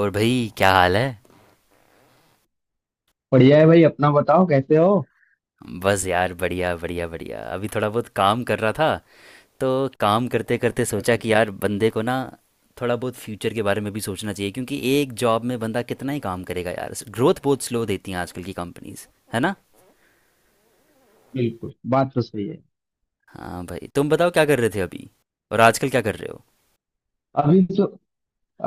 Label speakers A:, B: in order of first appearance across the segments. A: और भाई क्या हाल है?
B: बढ़िया है भाई। अपना बताओ कैसे हो।
A: बस यार बढ़िया बढ़िया बढ़िया, अभी थोड़ा बहुत काम कर रहा था तो काम करते करते सोचा
B: अच्छा
A: कि
B: अच्छा।
A: यार बंदे को ना थोड़ा बहुत फ्यूचर के बारे में भी सोचना चाहिए, क्योंकि एक जॉब में बंदा कितना ही काम करेगा यार, ग्रोथ बहुत स्लो देती हैं आजकल की कंपनीज। है ना?
B: बिल्कुल बात तो सही है।
A: हाँ भाई, तुम बताओ क्या कर रहे थे अभी, और आजकल क्या कर रहे हो?
B: अभी तो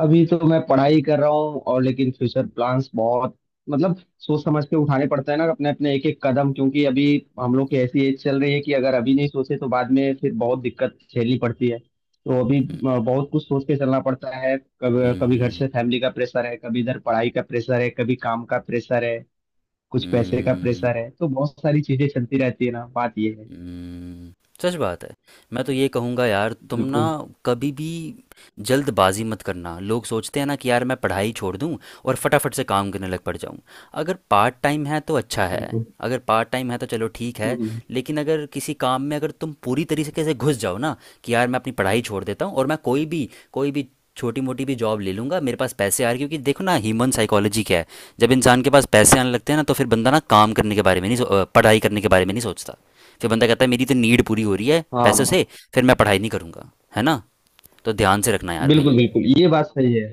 B: अभी तो मैं पढ़ाई कर रहा हूँ और लेकिन फ्यूचर प्लान्स बहुत मतलब सोच समझ के उठाने पड़ते हैं ना अपने अपने एक एक कदम, क्योंकि अभी हम लोग की ऐसी एज चल रही है कि अगर अभी नहीं सोचे तो बाद में फिर बहुत दिक्कत झेलनी पड़ती है। तो अभी
A: हम्म,
B: बहुत कुछ सोच के चलना पड़ता है। कभी कभी घर
A: हम्म,
B: से फैमिली का प्रेशर है, कभी इधर पढ़ाई का प्रेशर है, कभी काम का प्रेशर है, कुछ पैसे
A: हम्म,
B: का प्रेशर है, तो बहुत सारी चीजें चलती रहती है ना। बात ये है।
A: हम्म, सच बात है। मैं तो ये कहूँगा यार, तुम ना
B: बिल्कुल
A: कभी भी जल्दबाजी मत करना। लोग सोचते हैं ना कि यार मैं पढ़ाई छोड़ दूँ और फटाफट से काम करने लग पड़ जाऊँ। अगर पार्ट टाइम है तो अच्छा है,
B: बिल्कुल।
A: अगर पार्ट टाइम है तो चलो ठीक है,
B: हम्म,
A: लेकिन अगर किसी काम में अगर तुम पूरी तरीके से घुस जाओ ना, कि यार मैं अपनी पढ़ाई छोड़ देता हूँ और मैं कोई भी छोटी मोटी भी जॉब ले लूँगा, मेरे पास पैसे आ रहे, क्योंकि देखो ना, ह्यूमन साइकोलॉजी क्या है, जब इंसान के पास पैसे आने लगते हैं ना, तो फिर बंदा ना काम करने के बारे में नहीं पढ़ाई करने के बारे में नहीं सोचता। फिर बंदा कहता है मेरी तो नीड पूरी हो रही है पैसों
B: हाँ
A: से, फिर मैं पढ़ाई नहीं करूंगा। है ना? तो ध्यान से रखना यार भाई।
B: बिल्कुल बिल्कुल, ये बात सही है।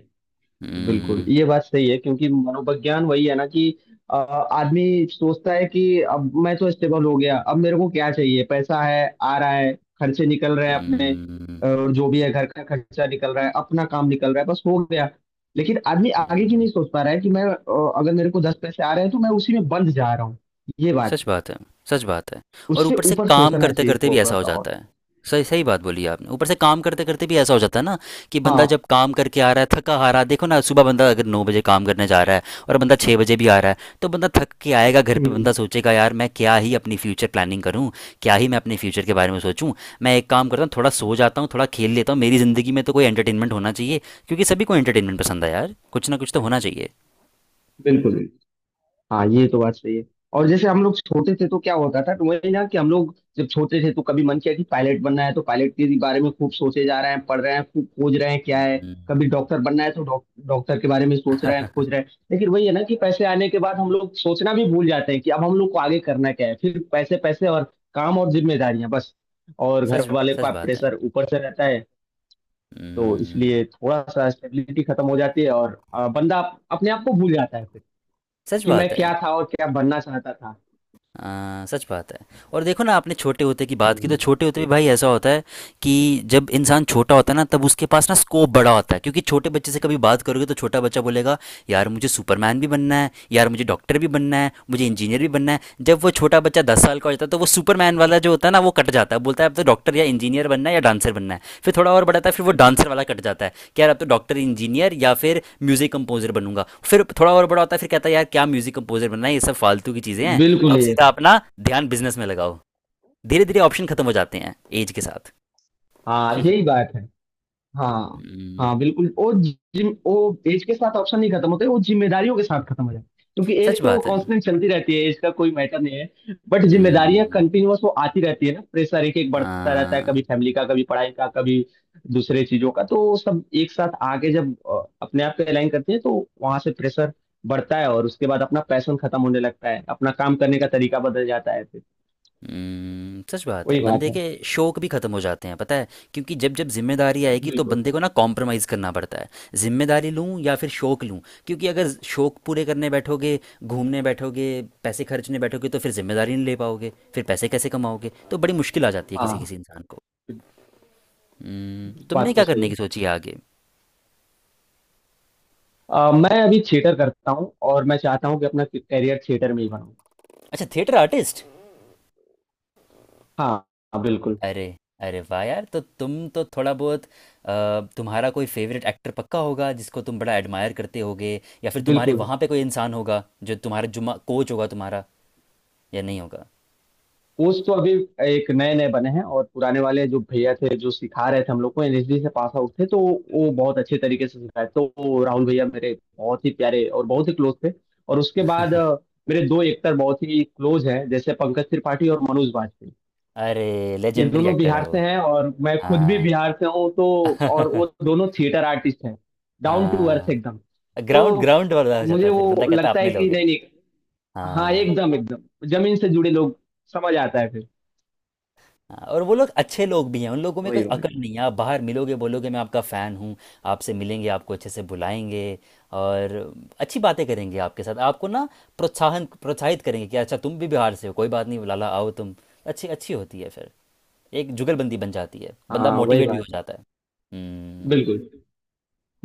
B: बिल्कुल
A: हम्म,
B: ये बात सही है, क्योंकि मनोविज्ञान वही है ना कि आदमी सोचता है कि अब मैं तो स्टेबल हो गया, अब मेरे को क्या चाहिए, पैसा है आ रहा है, खर्चे निकल रहे हैं अपने
A: हम्म,
B: और जो भी है, घर का खर्चा निकल रहा है, अपना काम निकल रहा है, बस हो गया। लेकिन आदमी आगे की
A: हम्म।
B: नहीं सोच पा रहा है कि मैं अगर मेरे को 10 पैसे आ रहे हैं तो मैं उसी में बंद जा रहा हूँ। ये बात
A: सच
B: है।
A: बात है, सच बात है। और
B: उससे
A: ऊपर से
B: ऊपर
A: काम
B: सोचना
A: करते
B: चाहिए
A: करते भी
B: थोड़ा
A: ऐसा हो
B: सा और।
A: जाता है, सही सही बात बोली आपने, ऊपर से काम करते करते भी ऐसा हो जाता है ना, कि बंदा जब
B: हाँ।
A: काम करके आ रहा है, थका आ रहा है। देखो ना, सुबह बंदा अगर 9 बजे काम करने जा रहा है और बंदा 6 बजे भी आ रहा है, तो बंदा थक के आएगा घर पे, बंदा
B: हम्म,
A: सोचेगा यार मैं क्या ही अपनी फ्यूचर प्लानिंग करूँ, क्या ही मैं अपने फ्यूचर के बारे में सोचूँ। मैं एक काम करता हूँ थोड़ा सो जाता हूँ, थोड़ा खेल लेता हूँ, मेरी ज़िंदगी में तो कोई एंटरटेनमेंट होना चाहिए, क्योंकि सभी को एंटरटेनमेंट पसंद है यार, कुछ ना कुछ तो होना
B: बिल्कुल
A: चाहिए।
B: बिल्कुल। हाँ ये तो बात सही है। और जैसे हम लोग छोटे थे तो क्या होता था, तो वही ना कि हम लोग जब छोटे थे तो कभी मन किया कि पायलट बनना है, तो पायलट के बारे में खूब सोचे जा रहे हैं, पढ़ रहे हैं, खूब खोज रहे हैं क्या है।
A: हम्म।
B: कभी डॉक्टर बनना है, तो डॉक्टर के बारे में सोच रहे हैं, खोज रहे हैं, लेकिन वही है ना कि पैसे आने के बाद हम लोग सोचना भी भूल जाते हैं कि अब हम लोग को आगे करना क्या है। फिर पैसे पैसे और काम और जिम्मेदारियां बस। और घर
A: सच
B: वाले
A: सच
B: का
A: बात है।
B: प्रेशर ऊपर से रहता है। तो
A: हम्म,
B: इसलिए थोड़ा सा स्टेबिलिटी खत्म हो जाती है और बंदा अपने आप को भूल जाता है फिर,
A: सच
B: कि मैं
A: बात है।
B: क्या था और क्या बनना चाहता था।
A: सच बात है। और देखो ना, आपने छोटे होते की बात की, तो
B: हम्म,
A: छोटे होते भी भाई ऐसा होता है कि जब इंसान छोटा होता है ना, तब उसके पास ना स्कोप बड़ा होता है। क्योंकि छोटे बच्चे से कभी बात करोगे तो छोटा बच्चा बोलेगा, यार मुझे सुपरमैन भी बनना है, यार मुझे डॉक्टर भी बनना है, मुझे इंजीनियर भी बनना है। जब वो छोटा बच्चा 10 साल का हो जाता है, तो वो सुपरमैन वाला जो होता है ना, वो कट जाता है, बोलता है अब तो डॉक्टर या इंजीनियर बनना है या डांसर बनना है। फिर थोड़ा और बढ़ाता है, फिर वो
B: बिल्कुल
A: डांसर वाला कट जाता है, कि यार अब तो डॉक्टर इंजीनियर या फिर म्यूज़िक कंपोजर बनूंगा। फिर थोड़ा और बड़ा होता है, फिर कहता है यार क्या म्यूज़िक कंपोजर बनना है, ये सब फालतू की चीज़ें हैं,
B: बिल्कुल
A: अब
B: ये
A: सीधा
B: है।
A: अपना ध्यान बिजनेस में लगाओ। धीरे धीरे ऑप्शन खत्म हो जाते हैं एज के साथ।
B: हाँ यही बात है। हाँ।
A: हम्म,
B: हाँ बिल्कुल। वो एज के साथ ऑप्शन नहीं खत्म होते, वो जिम्मेदारियों के साथ खत्म हो जाते हैं। क्योंकि एज
A: सच
B: तो
A: बात है।
B: कांस्टेंट चलती रहती है, एज का कोई मैटर नहीं है, बट जिम्मेदारियां
A: हम्म,
B: कंटिन्यूअस वो आती रहती है ना। प्रेशर एक एक बढ़ता रहता है,
A: आ,
B: कभी फैमिली का, कभी पढ़ाई का, कभी दूसरे चीजों का, तो वो सब एक साथ आगे जब अपने आप को अलाइन करते हैं तो वहां से प्रेशर बढ़ता है और उसके बाद अपना पैशन खत्म होने लगता है, अपना काम करने का तरीका बदल जाता है।
A: सच बात है।
B: वही बात
A: बंदे
B: है।
A: के शौक भी खत्म हो जाते हैं पता है, क्योंकि जब जब जिम्मेदारी आएगी तो
B: बिल्कुल।
A: बंदे को ना कॉम्प्रोमाइज़ करना पड़ता है, जिम्मेदारी लूं या फिर शौक लूं। क्योंकि अगर शौक पूरे करने बैठोगे, घूमने बैठोगे, पैसे खर्चने बैठोगे, तो फिर जिम्मेदारी नहीं ले पाओगे, फिर पैसे कैसे कमाओगे, तो बड़ी मुश्किल आ जाती है किसी किसी
B: हाँ
A: इंसान को। तुमने
B: बात तो
A: क्या
B: सही
A: करने की
B: है।
A: सोची है आगे?
B: मैं अभी थिएटर करता हूँ और मैं चाहता हूँ कि अपना करियर थिएटर में ही बनाऊँ।
A: अच्छा, थिएटर आर्टिस्ट।
B: हाँ। हाँ बिल्कुल
A: अरे, अरे वाह यार, तो तुम तो थोड़ा बहुत तुम्हारा कोई फेवरेट एक्टर पक्का होगा जिसको तुम बड़ा एडमायर करते होगे, या फिर तुम्हारे
B: बिल्कुल।
A: वहाँ पे कोई इंसान होगा जो तुम्हारा जुम्मा कोच होगा तुम्हारा, या नहीं होगा?
B: कोच तो अभी एक नए नए बने हैं और पुराने वाले जो भैया थे, जो सिखा रहे थे हम लोग को, एनएसडी से पास आउट थे, तो वो बहुत अच्छे तरीके से सिखाए। तो वो राहुल भैया मेरे बहुत ही प्यारे और बहुत ही क्लोज थे। और उसके बाद मेरे 2 एक्टर बहुत ही क्लोज हैं, जैसे पंकज त्रिपाठी और मनोज वाजपेयी।
A: अरे,
B: ये
A: लेजेंडरी
B: दोनों
A: एक्टर है
B: बिहार
A: वो।
B: से हैं और मैं खुद भी
A: हाँ।
B: बिहार से हूँ, तो। और वो दोनों थिएटर आर्टिस्ट हैं, डाउन टू अर्थ एकदम।
A: हाँ, ग्राउंड
B: तो
A: ग्राउंड वाला हो जाता
B: मुझे
A: है फिर,
B: वो
A: बंदा कहता है
B: लगता
A: अपने
B: है कि
A: लोग हैं।
B: नहीं नहीं। हाँ
A: हाँ।
B: एकदम एकदम, जमीन से जुड़े लोग। समझ आता है फिर।
A: हाँ, और वो लोग अच्छे लोग भी हैं, उन लोगों में कोई
B: वही बात है।
A: अकल नहीं है। आप बाहर मिलोगे, बोलोगे मैं आपका फ़ैन हूँ, आपसे मिलेंगे, आपको अच्छे से बुलाएंगे, और अच्छी बातें करेंगे आपके साथ, आपको ना प्रोत्साहन प्रोत्साहित करेंगे कि अच्छा तुम भी बिहार से हो, कोई बात नहीं लाला आओ तुम। अच्छी अच्छी होती है फिर, एक जुगलबंदी बन जाती है, बंदा
B: हाँ वही
A: मोटिवेट भी हो
B: बात है।
A: जाता है। हम्म।
B: बिल्कुल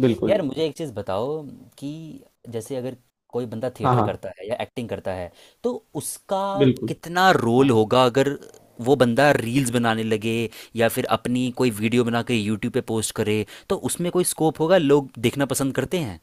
B: बिल्कुल
A: यार मुझे
B: बिल्कुल।
A: एक चीज़ बताओ, कि जैसे अगर कोई बंदा
B: हाँ
A: थिएटर
B: हाँ
A: करता है या एक्टिंग करता है, तो उसका
B: बिल्कुल।
A: कितना रोल
B: हाँ
A: होगा अगर वो बंदा रील्स बनाने लगे, या फिर अपनी कोई वीडियो बना के यूट्यूब पे पोस्ट करे, तो उसमें कोई स्कोप होगा, लोग देखना पसंद करते हैं?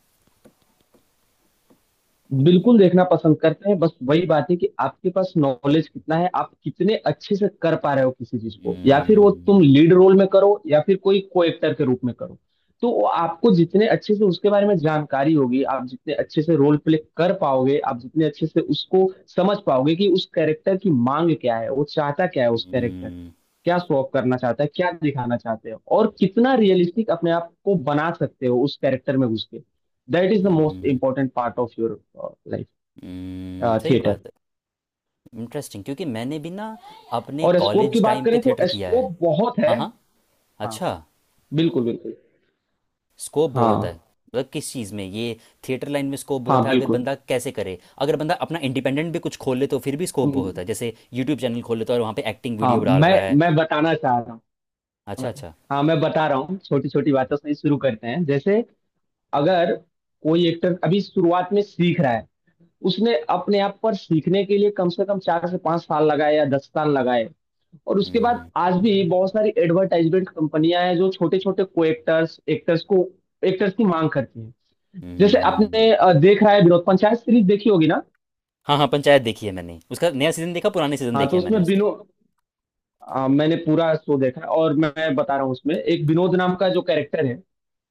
B: बिल्कुल देखना पसंद करते हैं। बस वही बात है कि आपके पास नॉलेज कितना है, आप कितने अच्छे से कर पा रहे हो किसी चीज को, या फिर वो तुम
A: हम्म,
B: लीड रोल में करो या फिर कोई को एक्टर के रूप में करो, तो वो आपको जितने अच्छे से उसके बारे में जानकारी होगी, आप जितने अच्छे से रोल प्ले कर पाओगे, आप जितने अच्छे से उसको समझ पाओगे कि उस कैरेक्टर की मांग क्या है, वो चाहता क्या है उस कैरेक्टर,
A: हम्म,
B: क्या शो ऑफ करना चाहते हो, क्या दिखाना चाहते हो, और कितना रियलिस्टिक अपने आप को बना सकते हो उस कैरेक्टर में घुस के। That is the most
A: hmm,
B: important part of your life,
A: सही
B: थिएटर।
A: बात है। इंटरेस्टिंग, क्योंकि मैंने भी ना अपने
B: और स्कोप की
A: कॉलेज
B: बात
A: टाइम पे
B: करें तो
A: थिएटर किया है।
B: स्कोप बहुत है।
A: हाँ हाँ।
B: हाँ
A: अच्छा,
B: बिल्कुल बिल्कुल।
A: स्कोप बहुत है
B: हाँ
A: मतलब किस चीज़ में ये, थिएटर लाइन में स्कोप
B: हाँ
A: बहुत है? अगर
B: बिल्कुल।
A: बंदा कैसे करे, अगर बंदा अपना इंडिपेंडेंट भी कुछ खोल ले तो फिर भी स्कोप
B: हम्म,
A: बहुत है, जैसे यूट्यूब चैनल खोल लेता है और वहाँ पे एक्टिंग
B: हाँ
A: वीडियो डाल
B: मैं
A: रहा है।
B: मैं बताना चाह रहा हूँ।
A: अच्छा अच्छा।
B: हाँ मैं बता रहा हूँ, छोटी छोटी बातों से ही शुरू करते हैं। जैसे अगर कोई एक्टर अभी शुरुआत में सीख रहा है, उसने अपने आप पर सीखने के लिए कम से कम 4 से 5 साल लगाए या 10 साल लगाए, और उसके बाद
A: हम्म,
B: आज भी बहुत सारी एडवर्टाइजमेंट कंपनियां हैं जो छोटे छोटे को एक्टर्स एक्टर्स को एक्टर्स की मांग करती हैं। जैसे आपने
A: हम्म।
B: देख रहा है, विनोद, पंचायत सीरीज देखी होगी ना।
A: हाँ हाँ, पंचायत देखी है मैंने, उसका नया सीज़न देखा, पुराने सीज़न
B: हाँ
A: देखे
B: तो
A: हैं
B: उसमें
A: मैंने उसके।
B: विनोद, मैंने पूरा शो देखा है और मैं बता रहा हूँ उसमें एक विनोद नाम का जो कैरेक्टर है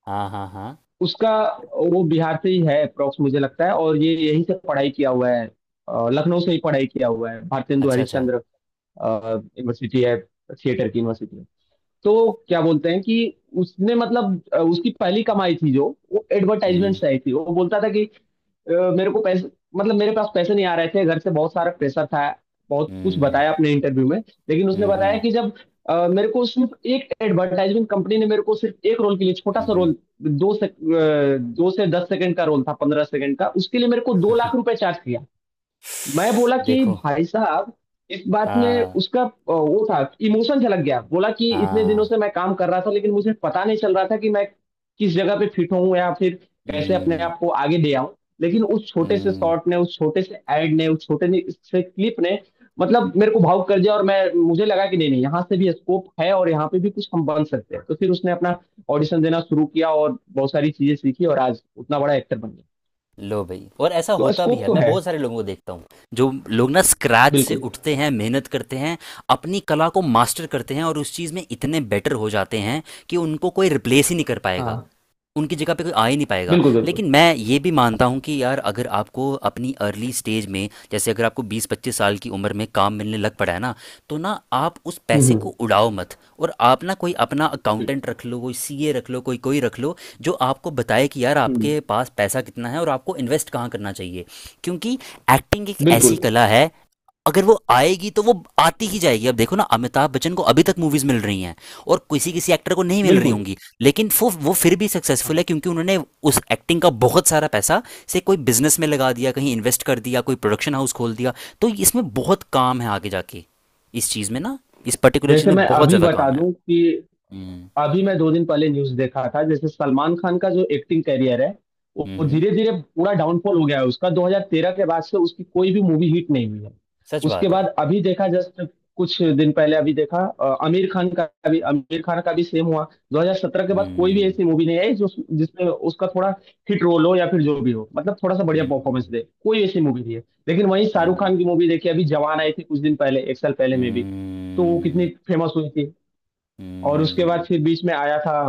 A: हाँ हाँ हाँ।
B: उसका, वो बिहार से ही है अप्रोक्स मुझे लगता है, और ये यहीं से पढ़ाई किया हुआ है, लखनऊ से ही पढ़ाई किया हुआ है। भारतेंदु
A: अच्छा अच्छा।
B: हरिश्चंद्र यूनिवर्सिटी है, थिएटर की यूनिवर्सिटी है। तो क्या बोलते हैं कि उसने मतलब उसकी पहली कमाई थी जो वो एडवर्टाइजमेंट
A: हम्म,
B: से आई थी। वो बोलता था कि मेरे पास पैसे नहीं आ रहे थे, घर से बहुत सारा प्रेशर था, बहुत कुछ
A: हम्म,
B: बताया अपने इंटरव्यू में। लेकिन उसने
A: हम्म,
B: बताया
A: हम्म,
B: कि जब मेरे को सिर्फ एक एडवर्टाइजमेंट कंपनी ने मेरे को सिर्फ एक रोल के लिए छोटा
A: हम्म,
B: सा
A: हम्म।
B: रोल, दो से अ, 2 से 10 सेकंड का रोल था, 15 सेकंड का, उसके लिए मेरे को 2 लाख रुपए चार्ज किया। मैं बोला कि
A: देखो।
B: भाई साहब, इस बात में
A: हाँ,
B: उसका वो था, इमोशन झलक गया, बोला कि इतने दिनों
A: हाँ।
B: से मैं काम कर रहा था लेकिन मुझे पता नहीं चल रहा था कि मैं किस जगह पे फिट हूँ या फिर कैसे अपने
A: हम्म,
B: आप को आगे ले आऊं। लेकिन उस छोटे से
A: हम्म।
B: शॉट ने, उस छोटे से एड ने, उस छोटे से क्लिप ने मतलब मेरे को भावुक कर दिया, और मैं मुझे लगा कि नहीं नहीं, यहाँ से भी स्कोप है और यहाँ पे भी कुछ हम बन सकते हैं। तो फिर उसने अपना ऑडिशन देना शुरू किया और बहुत सारी चीजें सीखी और आज उतना बड़ा एक्टर बन गया।
A: लो भाई, और ऐसा
B: तो
A: होता भी
B: स्कोप
A: है,
B: तो
A: मैं
B: है।
A: बहुत सारे लोगों को देखता हूँ जो लोग ना स्क्रैच से
B: बिल्कुल।
A: उठते हैं, मेहनत करते हैं, अपनी कला को मास्टर करते हैं, और उस चीज़ में इतने बेटर हो जाते हैं कि उनको कोई रिप्लेस ही नहीं कर पाएगा,
B: हाँ
A: उनकी जगह पे कोई आ ही नहीं पाएगा।
B: बिल्कुल बिल्कुल।
A: लेकिन मैं ये भी मानता हूँ कि यार अगर आपको अपनी अर्ली स्टेज में, जैसे अगर आपको 20-25 साल की उम्र में काम मिलने लग पड़ा है ना, तो ना आप उस
B: हम्म
A: पैसे
B: हम्म,
A: को उड़ाओ मत, और आप ना कोई अपना
B: बिल-
A: अकाउंटेंट रख लो, कोई सीए रख लो, कोई कोई रख लो, जो आपको बताए कि यार
B: हम्म,
A: आपके पास पैसा कितना है और आपको इन्वेस्ट कहाँ करना चाहिए। क्योंकि एक्टिंग एक ऐसी
B: बिल्कुल
A: कला है, अगर वो आएगी तो वो आती ही जाएगी। अब देखो ना, अमिताभ बच्चन को अभी तक मूवीज मिल रही हैं, और किसी किसी एक्टर को नहीं मिल रही
B: बिल्कुल।
A: होंगी, लेकिन वो फिर भी सक्सेसफुल है,
B: हाँ,
A: क्योंकि उन्होंने उस एक्टिंग का बहुत सारा पैसा से कोई बिजनेस में लगा दिया, कहीं इन्वेस्ट कर दिया, कोई प्रोडक्शन हाउस खोल दिया। तो इसमें बहुत काम है आगे जाके, इस चीज़ में ना, इस पर्टिकुलर चीज़
B: जैसे
A: में
B: मैं
A: बहुत
B: अभी
A: ज़्यादा
B: बता
A: काम है।
B: दूं कि
A: हम्म,
B: अभी मैं 2 दिन पहले न्यूज देखा था, जैसे सलमान खान का जो एक्टिंग कैरियर है वो
A: हम्म,
B: धीरे धीरे पूरा डाउनफॉल हो गया है उसका। 2013 के बाद से उसकी कोई भी मूवी हिट नहीं हुई है।
A: सच
B: उसके
A: बात है।
B: बाद अभी देखा, जस्ट कुछ दिन पहले अभी देखा, आमिर खान का भी सेम हुआ। 2017 के बाद कोई भी
A: हम्म,
B: ऐसी मूवी नहीं आई जो, जिसमें उसका थोड़ा हिट रोल हो या फिर जो भी हो, मतलब थोड़ा सा बढ़िया परफॉर्मेंस
A: हम्म,
B: दे, कोई ऐसी मूवी नहीं है। लेकिन वहीं शाहरुख
A: हम्म,
B: खान की मूवी देखी, अभी जवान आई थी कुछ दिन पहले, 1 साल पहले में भी, तो वो कितनी
A: हम्म,
B: फेमस हुई थी। और उसके बाद
A: हम्म,
B: फिर बीच में आया था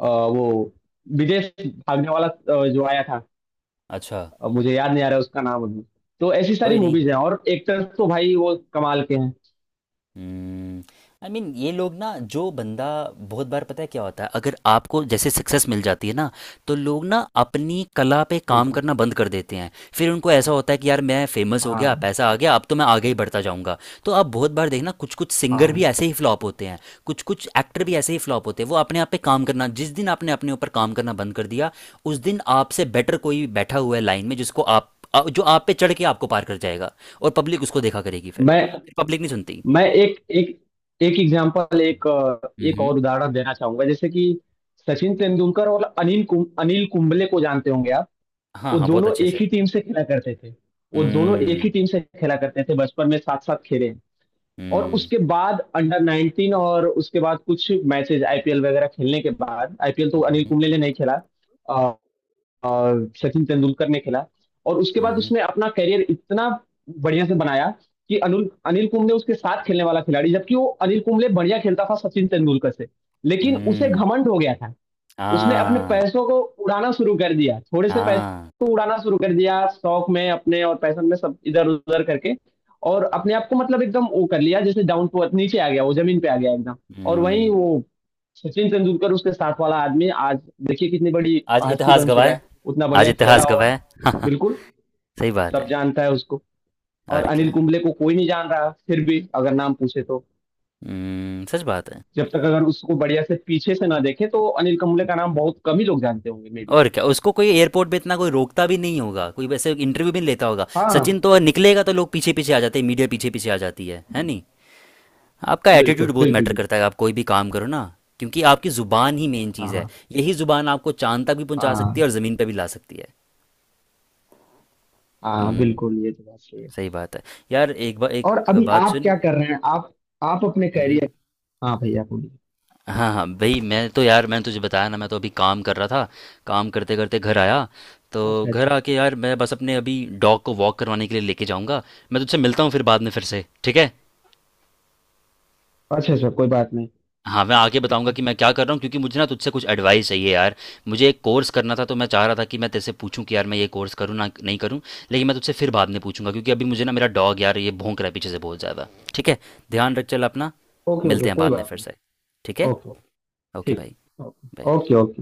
B: वो विदेश भागने वाला जो आया था,
A: अच्छा।
B: मुझे याद नहीं आ रहा है उसका नाम अभी। तो ऐसी सारी
A: कोई नहीं।
B: मूवीज हैं और एक्टर्स तो भाई वो कमाल के हैं।
A: हम्म, आई मीन, ये लोग ना, जो बंदा, बहुत बार पता है क्या होता है, अगर आपको जैसे सक्सेस मिल जाती है ना, तो लोग ना अपनी कला पे काम
B: बिल्कुल।
A: करना बंद कर देते हैं। फिर उनको ऐसा होता है कि यार मैं फेमस हो गया,
B: हाँ
A: पैसा आ गया, अब तो मैं आगे ही बढ़ता जाऊंगा। तो आप बहुत बार देखना, कुछ कुछ सिंगर भी
B: हाँ।
A: ऐसे ही फ्लॉप होते हैं, कुछ कुछ एक्टर भी ऐसे ही फ्लॉप होते हैं। वो अपने आप पे काम करना, जिस दिन आपने अपने ऊपर काम करना बंद कर दिया, उस दिन आपसे बेटर कोई बैठा हुआ है लाइन में, जिसको आप जो आप पे चढ़ के आपको पार कर जाएगा, और पब्लिक उसको देखा करेगी फिर,
B: मैं
A: पब्लिक नहीं सुनती।
B: मैं एक एक एक एग्जांपल,
A: हुँ,
B: एक
A: हुँ।
B: और उदाहरण देना चाहूंगा, जैसे कि सचिन तेंदुलकर और अनिल कुंबले को जानते होंगे आप।
A: हाँ,
B: वो
A: हाँ, बहुत
B: दोनों
A: अच्छे
B: एक
A: से।
B: ही टीम से खेला करते थे। वो दोनों एक ही
A: हुँ,
B: टीम से खेला करते थे बचपन में, साथ साथ खेले। और
A: हुँ,
B: उसके बाद अंडर 19, और उसके बाद कुछ मैचेस आईपीएल वगैरह खेलने के बाद, आईपीएल तो
A: हुँ,
B: अनिल
A: हुँ,
B: कुंबले ने नहीं खेला, अ, अ, सचिन तेंदुलकर ने खेला। और उसके
A: हुँ,
B: बाद
A: हुँ,
B: उसने अपना करियर इतना बढ़िया से बनाया कि अनिल अनिल कुंबले उसके साथ खेलने वाला खिलाड़ी, जबकि वो अनिल कुंबले बढ़िया खेलता था सचिन तेंदुलकर से, लेकिन उसे
A: हुँ।
B: घमंड हो गया था। उसने अपने
A: हाँ,
B: पैसों को उड़ाना शुरू कर दिया, थोड़े से
A: हाँ,
B: पैसों को उड़ाना शुरू कर दिया शौक में अपने और पैशन में सब इधर उधर करके। और अपने आप को मतलब एकदम वो कर लिया, जैसे डाउन टू अर्थ नीचे आ गया, वो जमीन पे आ गया एकदम। और वहीं
A: हुँ।
B: वो सचिन तेंदुलकर उसके साथ वाला आदमी आज, देखिए कितनी बड़ी
A: आज
B: हस्ती
A: इतिहास
B: बन चुका
A: गवाए,
B: है, उतना
A: आज
B: बढ़िया खेला।
A: इतिहास
B: और
A: गवाए। सही
B: बिल्कुल,
A: बात
B: सब
A: है,
B: जानता है उसको। और
A: और
B: अनिल
A: क्या।
B: कुंबले को कोई नहीं जान रहा, फिर भी अगर नाम पूछे तो,
A: हुँ, सच बात है।
B: जब तक अगर उसको बढ़िया से पीछे से ना देखे तो अनिल कुंबले का नाम बहुत कम ही लोग जानते होंगे, मे बी।
A: और क्या, उसको कोई एयरपोर्ट पे इतना कोई रोकता भी नहीं होगा, कोई वैसे इंटरव्यू भी नहीं लेता होगा।
B: हाँ
A: सचिन तो निकलेगा तो लोग पीछे-पीछे आ जाते हैं, मीडिया पीछे-पीछे आ जाती है नहीं? आपका एटीट्यूड
B: बिल्कुल
A: बहुत
B: बिल्कुल
A: मैटर
B: बिल्कुल।
A: करता है आप कोई भी काम करो ना, क्योंकि आपकी ज़ुबान ही मेन चीज़ है,
B: हाँ
A: यही ज़ुबान आपको चांद तक भी पहुंचा सकती
B: हाँ।
A: है और ज़मीन पे भी ला सकती है।
B: हाँ
A: हम्म,
B: बिल्कुल, ये तो बात सही है।
A: सही बात है। यार एक बार एक
B: और अभी
A: बात
B: आप
A: सुन।
B: क्या कर रहे हैं आप अपने
A: हम्म,
B: करियर। हाँ भैया बोलिए।
A: हाँ हाँ भाई, मैं तो यार मैंने तुझे बताया ना, मैं तो अभी काम कर रहा था, काम करते करते घर आया, तो
B: अच्छा अच्छा।
A: घर आके यार मैं बस अपने अभी डॉग को वॉक करवाने के लिए लेके जाऊंगा। मैं तुझसे मिलता हूँ फिर बाद में फिर से, ठीक है?
B: अच्छा अच्छा कोई बात नहीं।
A: हाँ, मैं आगे
B: ठीक
A: बताऊँगा
B: है।
A: कि मैं क्या कर रहा हूँ, क्योंकि मुझे ना तुझसे कुछ एडवाइस चाहिए यार। मुझे एक कोर्स करना था, तो मैं चाह रहा था कि मैं तेरे से पूछूँ कि यार मैं ये कोर्स करूँ ना नहीं करूँ? लेकिन मैं तुझसे फिर बाद में पूछूँगा, क्योंकि अभी मुझे ना मेरा डॉग यार ये भौंक रहा है पीछे से बहुत ज़्यादा। ठीक है? ध्यान रख, चल अपना।
B: ओके ओके
A: मिलते हैं
B: कोई
A: बाद में
B: बात
A: फिर से।
B: नहीं।
A: ठीक है?
B: Okay okay.
A: ओके
B: ठीक।
A: भाई,
B: ओके
A: बाय।
B: ओके। ओके